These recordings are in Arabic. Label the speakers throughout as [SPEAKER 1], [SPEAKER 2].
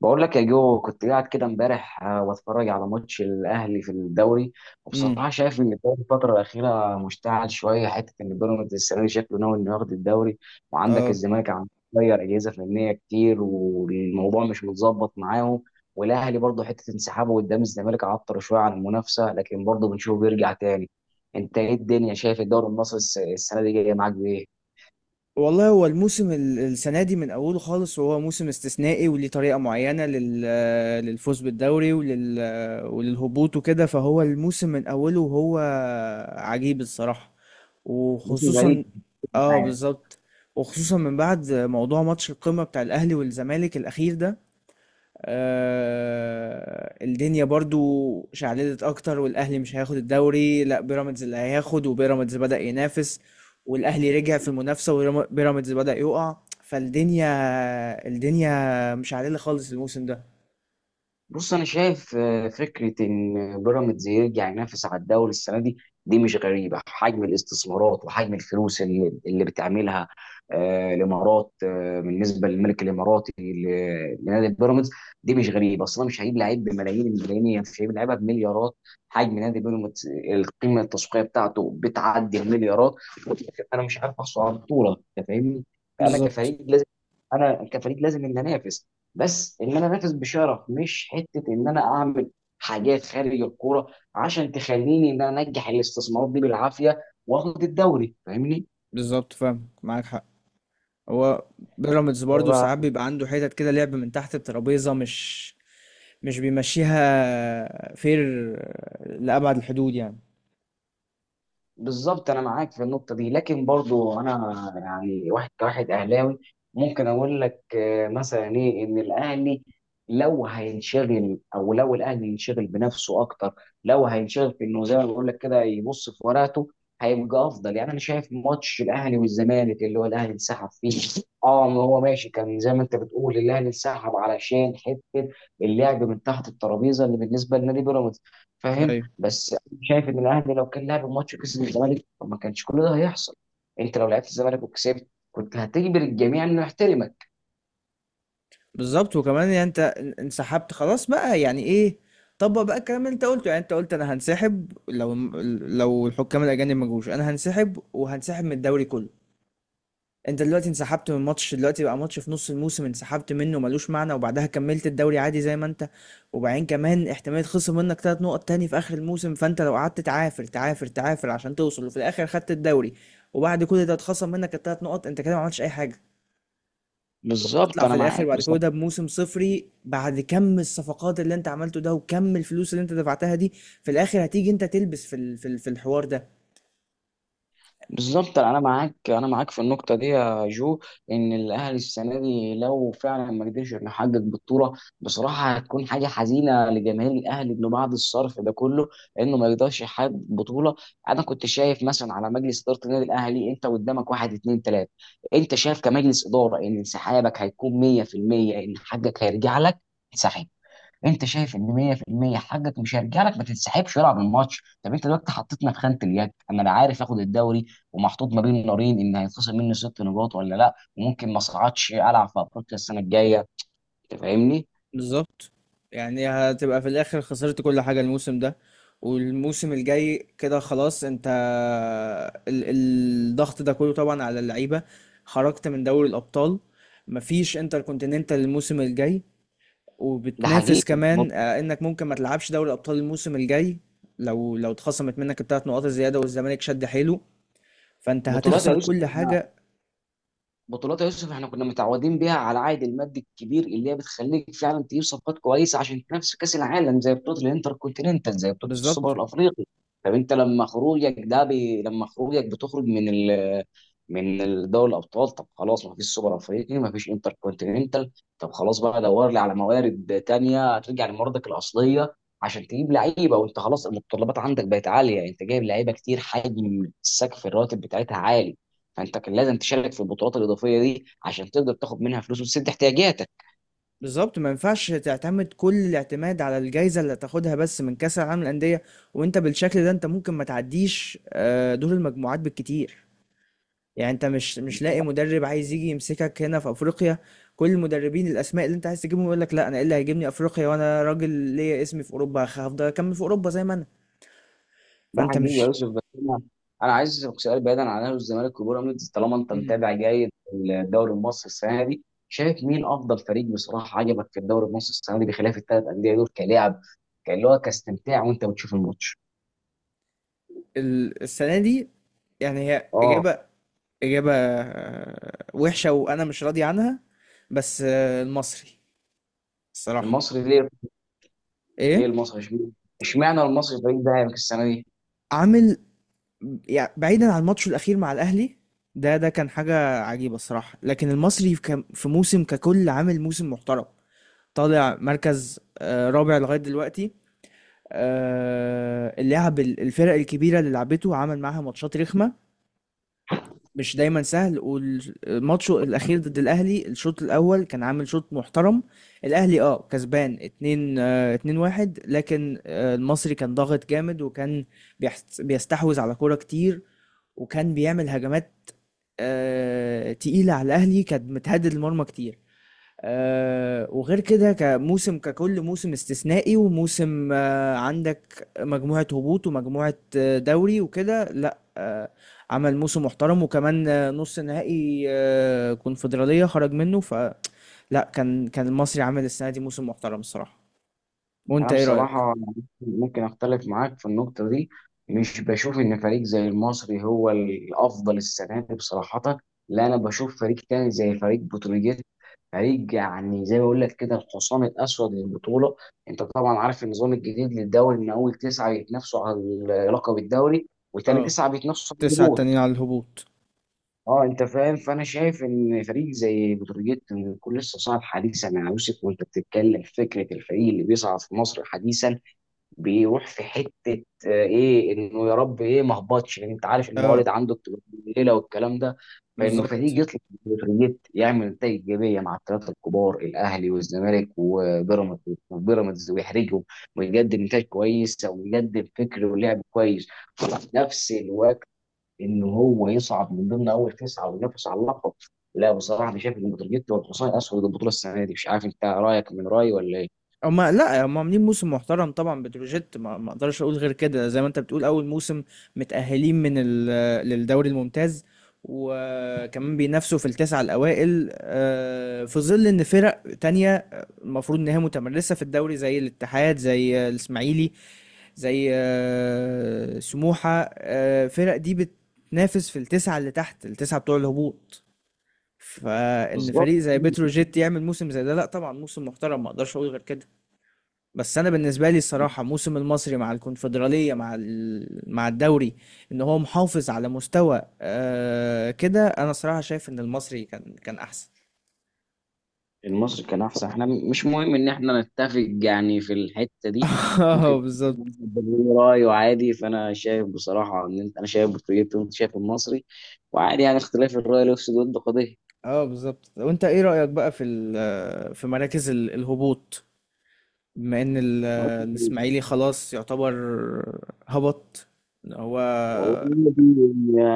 [SPEAKER 1] بقول لك يا جو، كنت قاعد كده امبارح واتفرج على ماتش الاهلي في الدوري.
[SPEAKER 2] امم
[SPEAKER 1] وبصراحه شايف ان الدوري الفتره الاخيره مشتعل شويه، حته ان بيراميدز السنه دي شكله ناوي انه ياخد الدوري. وعندك
[SPEAKER 2] اه
[SPEAKER 1] الزمالك عم تغير اجهزه فنيه كتير والموضوع مش متظبط معاهم. والاهلي برضه، حته انسحابه قدام الزمالك عطر شويه عن المنافسه، لكن برضه بنشوفه بيرجع تاني. انت ايه الدنيا، شايف الدوري المصري السنه دي جايه معاك بايه؟
[SPEAKER 2] والله هو الموسم السنه دي من اوله خالص، وهو موسم استثنائي وليه طريقه معينه للفوز بالدوري وللهبوط وكده. فهو الموسم من اوله وهو عجيب الصراحه،
[SPEAKER 1] موسم غريب.
[SPEAKER 2] وخصوصا اه بالظبط. وخصوصا من بعد موضوع ماتش القمه بتاع الاهلي والزمالك الاخير ده، الدنيا برضو شعللت اكتر، والاهلي مش هياخد الدوري، لا بيراميدز اللي هياخد، وبيراميدز بدأ ينافس، والاهلي رجع في المنافسة وبيراميدز بدأ يقع. فالدنيا الدنيا مش عادلة خالص الموسم ده.
[SPEAKER 1] بص، انا شايف فكره ان بيراميدز يرجع ينافس على الدوري السنه دي، دي مش غريبه. حجم الاستثمارات وحجم الفلوس اللي بتعملها الامارات، بالنسبه للملك الاماراتي لنادي بيراميدز، دي مش غريبه اصلا. مش هيجيب لعيب بملايين الملايين، يعني مش هيجيب لعيبه بمليارات. حجم نادي بيراميدز، القيمه التسويقيه بتاعته بتعدي المليارات. انا مش عارف احصل على البطوله، انت فاهمني؟ فانا
[SPEAKER 2] بالظبط.
[SPEAKER 1] كفريق لازم انا كفريق لازم ان انافس، بس ان انا انافس بشرف، مش حته ان انا اعمل حاجات خارج الكوره عشان تخليني ان انا انجح الاستثمارات دي بالعافيه، واخد الدوري، فاهمني؟
[SPEAKER 2] بالظبط، فاهم معاك حق. هو بيراميدز برضو ساعات بيبقى عنده حتت كده لعب من تحت الترابيزة، مش بيمشيها فير لأبعد الحدود يعني.
[SPEAKER 1] بالظبط انا معاك في النقطه دي، لكن برضو انا يعني واحد، كواحد اهلاوي، ممكن اقول لك مثلا ايه؟ ان الاهلي لو هينشغل، او لو الاهلي ينشغل بنفسه اكتر، لو هينشغل في انه زي ما بقول لك كده، يبص في ورقته، هيبقى افضل. يعني انا شايف ماتش الاهلي والزمالك اللي هو الاهلي انسحب فيه، اه ما هو ماشي، كان زي ما انت بتقول الاهلي انسحب علشان حته اللعب من تحت الترابيزه اللي بالنسبه لنادي بيراميدز، فاهم؟ بس شايف ان الاهلي لو كان لعب الماتش وكسب الزمالك، ما كانش كل ده هيحصل. انت لو لعبت الزمالك وكسبت، كنت هتجبر الجميع انه يحترمك.
[SPEAKER 2] بالظبط. وكمان يعني انت انسحبت خلاص بقى، يعني ايه؟ طبق بقى الكلام اللي انت قلته، يعني انت قلت انا هنسحب لو الحكام الاجانب ما جوش انا هنسحب، وهنسحب من الدوري كله. انت دلوقتي انسحبت من ماتش، دلوقتي بقى ماتش في نص الموسم انسحبت منه ملوش معنى، وبعدها كملت الدوري عادي زي ما انت. وبعدين كمان احتمال خصم منك ثلاث نقط تاني في اخر الموسم، فانت لو قعدت تعافر تعافر تعافر عشان توصل، وفي الاخر خدت الدوري وبعد كل ده اتخصم منك الثلاث نقط، انت كده ما عملتش اي حاجه.
[SPEAKER 1] بالظبط
[SPEAKER 2] وهتطلع
[SPEAKER 1] انا
[SPEAKER 2] في الاخر
[SPEAKER 1] معاك.
[SPEAKER 2] بعد كل ده بموسم صفري، بعد كم الصفقات اللي انت عملته ده وكم الفلوس اللي انت دفعتها دي. في الاخر هتيجي انت تلبس في في الحوار ده.
[SPEAKER 1] بالظبط انا معاك، انا معاك في النقطه دي يا جو. ان الاهلي السنه دي لو فعلا ما قدرش انه يحقق بطوله، بصراحه هتكون حاجه حزينه لجماهير الاهلي، انه بعد الصرف ده كله انه ما يقدرش يحقق بطوله. انا كنت شايف مثلا على مجلس اداره النادي الاهلي، انت قدامك واحد اتنين تلاته، انت شايف كمجلس اداره ان انسحابك هيكون 100% ان حقك هيرجع لك. انت شايف ان 100% حقك مش هيرجع لك، ما تنسحبش والعب الماتش. طب انت دلوقتي حطيتنا في خانه اليك، انا لا عارف اخد الدوري، ومحطوط ما بين نارين ان هيتخصم مني ست نقاط ولا لا، وممكن ما اصعدش العب في افريقيا السنه الجايه، انت فاهمني؟
[SPEAKER 2] بالظبط. يعني هتبقى في الاخر خسرت كل حاجة الموسم ده، والموسم الجاي كده خلاص انت. الضغط ده كله طبعا على اللعيبة. خرجت من دوري الابطال، مفيش انتر كونتيننتال الموسم الجاي،
[SPEAKER 1] ده
[SPEAKER 2] وبتنافس
[SPEAKER 1] حقيقي. بط-
[SPEAKER 2] كمان انك ممكن ما تلعبش دوري ابطال الموسم الجاي. لو اتخصمت منك الثلاث نقاط الزياده والزمالك شد حيله، فانت
[SPEAKER 1] بطولات يا
[SPEAKER 2] هتخسر
[SPEAKER 1] يوسف،
[SPEAKER 2] كل حاجه.
[SPEAKER 1] بطولات يا يوسف احنا كنا متعودين بيها على العائد المادي الكبير، اللي هي بتخليك فعلا تجيب صفقات كويسه عشان تنافس في كاس العالم، زي بطوله الانتر كونتيننتال، زي بطوله السوبر
[SPEAKER 2] بالظبط.
[SPEAKER 1] الافريقي. طب انت لما خروجك ده لما خروجك بتخرج من دوري الابطال، طب خلاص ما فيش سوبر افريقي، ما فيش انتر كونتيننتال. طب خلاص بقى دور لي على موارد تانية، ترجع لمواردك الاصليه عشان تجيب لعيبه. وانت خلاص المتطلبات عندك بقت عاليه، انت جايب لعيبه كتير، حجم السقف الراتب بتاعتها عالي، فانت كان لازم تشارك في البطولات الاضافيه دي عشان تقدر تاخد منها فلوس وتسد احتياجاتك.
[SPEAKER 2] بالظبط، ما ينفعش تعتمد كل الاعتماد على الجائزه اللي هتاخدها بس من كاس العالم للانديه، وانت بالشكل ده انت ممكن ما تعديش دور المجموعات بالكتير. يعني انت مش لاقي مدرب عايز يجي يمسكك هنا في افريقيا، كل المدربين الاسماء اللي انت عايز تجيبهم يقول لك لا، انا ايه اللي هيجيبني افريقيا وانا راجل ليا اسمي في اوروبا، هفضل اكمل في اوروبا زي ما انا.
[SPEAKER 1] ده
[SPEAKER 2] فانت
[SPEAKER 1] حقيقي يا
[SPEAKER 2] مش.
[SPEAKER 1] يوسف. بس أنا عايز اسالك سؤال بعيدا عن اهلي والزمالك وبيراميدز، طالما انت
[SPEAKER 2] مم.
[SPEAKER 1] متابع جيد الدوري المصري السنه دي، شايف مين افضل فريق بصراحه عجبك في الدوري المصري السنه دي بخلاف الثلاث انديه دول، كلاعب كان، هو كاستمتاع وانت بتشوف الماتش؟
[SPEAKER 2] السنة دي، يعني هي
[SPEAKER 1] اه.
[SPEAKER 2] إجابة. إجابة وحشة وأنا مش راضي عنها، بس المصري. الصراحة.
[SPEAKER 1] المصري ليه؟ ليه
[SPEAKER 2] إيه.
[SPEAKER 1] المصري اشمعنى؟ اشمعنى المصري الفريق ده هيبقى السنه دي؟
[SPEAKER 2] عامل، يعني بعيدا عن الماتش الأخير مع الأهلي، ده ده كان حاجة عجيبة الصراحة، لكن المصري في في موسم ككل عامل موسم محترم. طالع مركز رابع لغاية دلوقتي. اللعب، الفرق الكبيرة اللي لعبته عمل معاها ماتشات رخمة، مش دايما سهل. والماتش الاخير ضد الاهلي، الشوط الاول كان عامل شوط محترم، الاهلي اه كسبان 2 2-1، لكن المصري كان ضاغط جامد، وكان بيستحوذ على كوره كتير، وكان بيعمل هجمات تقيله على الاهلي، كانت متهدد المرمى كتير. وغير كده كموسم ككل، موسم استثنائي، وموسم عندك مجموعة هبوط ومجموعة دوري وكده، لا عمل موسم محترم. وكمان نص نهائي كونفدرالية خرج منه، فلا، كان كان المصري عامل السنة دي موسم محترم الصراحة. وانت
[SPEAKER 1] انا
[SPEAKER 2] ايه رأيك؟
[SPEAKER 1] بصراحه ممكن اختلف معاك في النقطه دي، مش بشوف ان فريق زي المصري هو الافضل السنه دي بصراحه. لا، انا بشوف فريق تاني زي فريق بتروجيت، فريق يعني زي ما بقول لك كده، الحصان الاسود للبطوله. انت طبعا عارف النظام الجديد للدوري، ان اول تسعه يتنافسوا على لقب الدوري، وتاني
[SPEAKER 2] اه.
[SPEAKER 1] تسعه بيتنافسوا على
[SPEAKER 2] تسعة
[SPEAKER 1] الهبوط.
[SPEAKER 2] التانيين على الهبوط.
[SPEAKER 1] اه انت فاهم، فانا شايف ان فريق زي بتروجيت من كل الصناعه الحديثه مع يوسف وانت بتتكلم، فكره الفريق اللي بيصعد في مصر حديثا، بيروح في حته ايه؟ انه يا رب ايه ما اهبطش، لان انت عارف
[SPEAKER 2] اه
[SPEAKER 1] الموارد عنده بتبقى قليله والكلام ده، فانه فريق
[SPEAKER 2] بالظبط.
[SPEAKER 1] يطلع من الفريق يعمل نتائج ايجابيه مع الثلاثه الكبار، الاهلي والزمالك وبيراميدز ويحرجهم، ويقدم نتائج كويسه ويقدم فكر ولعب كويس، وفي نفس الوقت انه هو يصعد من ضمن اول تسعه وينافس على اللقب. لا بصراحه انا شايف ان بتروجيت والحصان اسود البطوله السنه دي، مش عارف انت رايك من رايي ولا ايه؟
[SPEAKER 2] هما لا، هما عاملين موسم محترم طبعا بتروجيت، ما اقدرش اقول غير كده. زي ما انت بتقول، اول موسم متأهلين من للدوري الممتاز، وكمان بينافسوا في التسعة الأوائل في ظل إن فرق تانية المفروض إن هي متمرسة في الدوري زي الاتحاد، زي الإسماعيلي، زي سموحة، فرق دي بتنافس في التسعة اللي تحت، التسعة بتوع الهبوط. فإن
[SPEAKER 1] بالظبط.
[SPEAKER 2] فريق زي بتروجيت يعمل موسم زي ده، لا طبعا موسم محترم، ما أقدرش أقول غير كده. بس انا بالنسبه لي الصراحه موسم المصري مع الكونفدراليه مع مع الدوري، ان هو محافظ على مستوى كده، انا صراحه شايف ان المصري كان كان احسن.
[SPEAKER 1] المصري كان احسن، احنا مش مهم ان احنا نتفق يعني في الحته دي. ممكن
[SPEAKER 2] اه
[SPEAKER 1] يكون
[SPEAKER 2] بالظبط.
[SPEAKER 1] ليه رايه، عادي. فانا شايف بصراحه ان انت، انا شايف بورتوجيتي وانت شايف المصري، وعادي يعني اختلاف الراي لا يفسد ود.
[SPEAKER 2] اه بالظبط. وانت ايه رايك بقى في في مراكز الهبوط، بما ان
[SPEAKER 1] قضيه.
[SPEAKER 2] الاسماعيلي خلاص يعتبر هبط. إن هو.
[SPEAKER 1] والله النادي،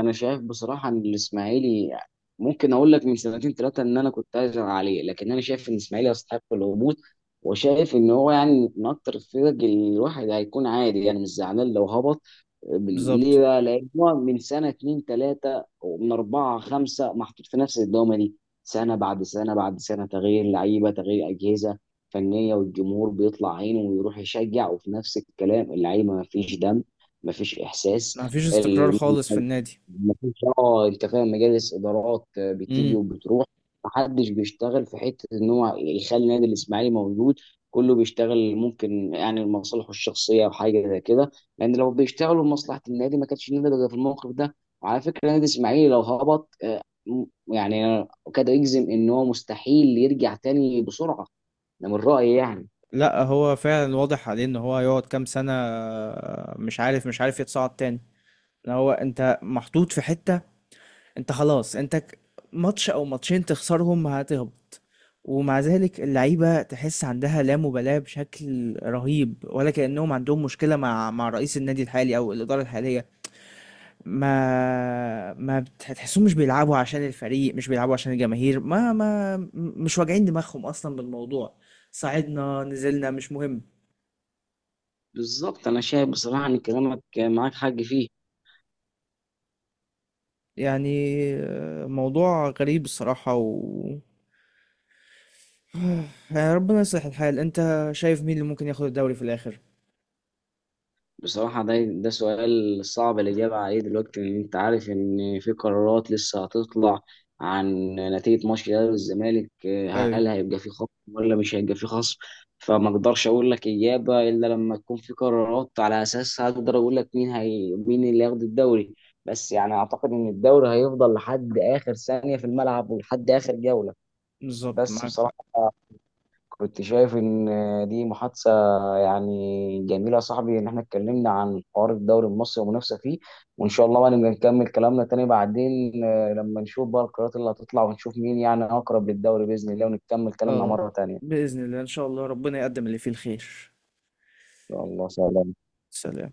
[SPEAKER 1] انا شايف بصراحه ان الاسماعيلي، ممكن اقول لك من سنتين ثلاثه ان انا كنت عايز عليه، لكن انا شايف ان الاسماعيلي يستحق الهبوط، وشايف ان هو يعني من اكتر الفرق اللي الواحد هيكون عادي يعني مش زعلان لو هبط.
[SPEAKER 2] بالظبط.
[SPEAKER 1] ليه بقى؟ لان هو من سنه اتنين ثلاثه ومن اربعه خمسه محطوط في نفس الدوامه دي، سنه بعد سنه بعد سنه تغيير لعيبه، تغيير اجهزه فنيه، والجمهور بيطلع عينه ويروح يشجع، وفي نفس الكلام اللعيبه ما فيش دم، ما فيش احساس.
[SPEAKER 2] ما فيش استقرار
[SPEAKER 1] ال-
[SPEAKER 2] خالص في النادي.
[SPEAKER 1] مفيش اه انت فاهم، مجالس ادارات بتيجي وبتروح، محدش بيشتغل في حته ان هو يخلي نادي الاسماعيلي موجود، كله بيشتغل ممكن يعني لمصالحه الشخصيه او حاجه زي كده، لان لو بيشتغلوا لمصلحه النادي ما كانش النادي بقى في الموقف ده. وعلى فكره نادي الاسماعيلي لو هبط، يعني أنا كاد يجزم ان هو مستحيل يرجع تاني بسرعه، ده من رايي يعني.
[SPEAKER 2] لا هو فعلا واضح عليه ان هو يقعد كام سنة، مش عارف يتصعد تاني. إن هو انت محطوط في حتة، انت خلاص انت ماتش او ماتشين تخسرهم هتهبط، ومع ذلك اللعيبة تحس عندها لا مبالاة بشكل رهيب، ولا كأنهم عندهم مشكلة مع رئيس النادي الحالي او الإدارة الحالية. ما ما بت- تحسهم مش بيلعبوا عشان الفريق، مش بيلعبوا عشان الجماهير، ما ما مش واجعين دماغهم اصلا بالموضوع، صعدنا نزلنا مش مهم.
[SPEAKER 1] بالظبط انا شايف بصراحه ان كلامك معاك حق فيه.
[SPEAKER 2] يعني موضوع غريب الصراحة. يعني ربنا يصلح الحال. انت شايف مين اللي ممكن ياخد الدوري في الآخر؟
[SPEAKER 1] بصراحة ده ده سؤال صعب الإجابة عليه دلوقتي، لأن أنت عارف إن في قرارات لسه هتطلع عن نتيجة ماتش الأهلي والزمالك،
[SPEAKER 2] ايوه.
[SPEAKER 1] هل هيبقى في خصم ولا مش هيبقى في خصم؟ فما أقدرش أقول لك إجابة إلا لما تكون في قرارات على أساسها أقدر أقول لك مين اللي هياخد الدوري. بس يعني أعتقد إن الدوري هيفضل لحد آخر ثانية في الملعب، ولحد آخر جولة.
[SPEAKER 2] بالظبط
[SPEAKER 1] بس
[SPEAKER 2] معاك حق.
[SPEAKER 1] بصراحة كنت شايف ان دي محادثه يعني جميله يا صاحبي، ان احنا اتكلمنا عن حوار الدوري المصري والمنافسه فيه، وان شاء الله بقى نبقى نكمل كلامنا تاني بعدين، لما نشوف بقى القرارات اللي هتطلع ونشوف مين يعني اقرب للدوري باذن الله، ونكمل كلامنا
[SPEAKER 2] اه.
[SPEAKER 1] مره تانيه.
[SPEAKER 2] بإذن الله ان شاء الله، ربنا يقدم اللي فيه الخير.
[SPEAKER 1] يا الله، سلام.
[SPEAKER 2] سلام.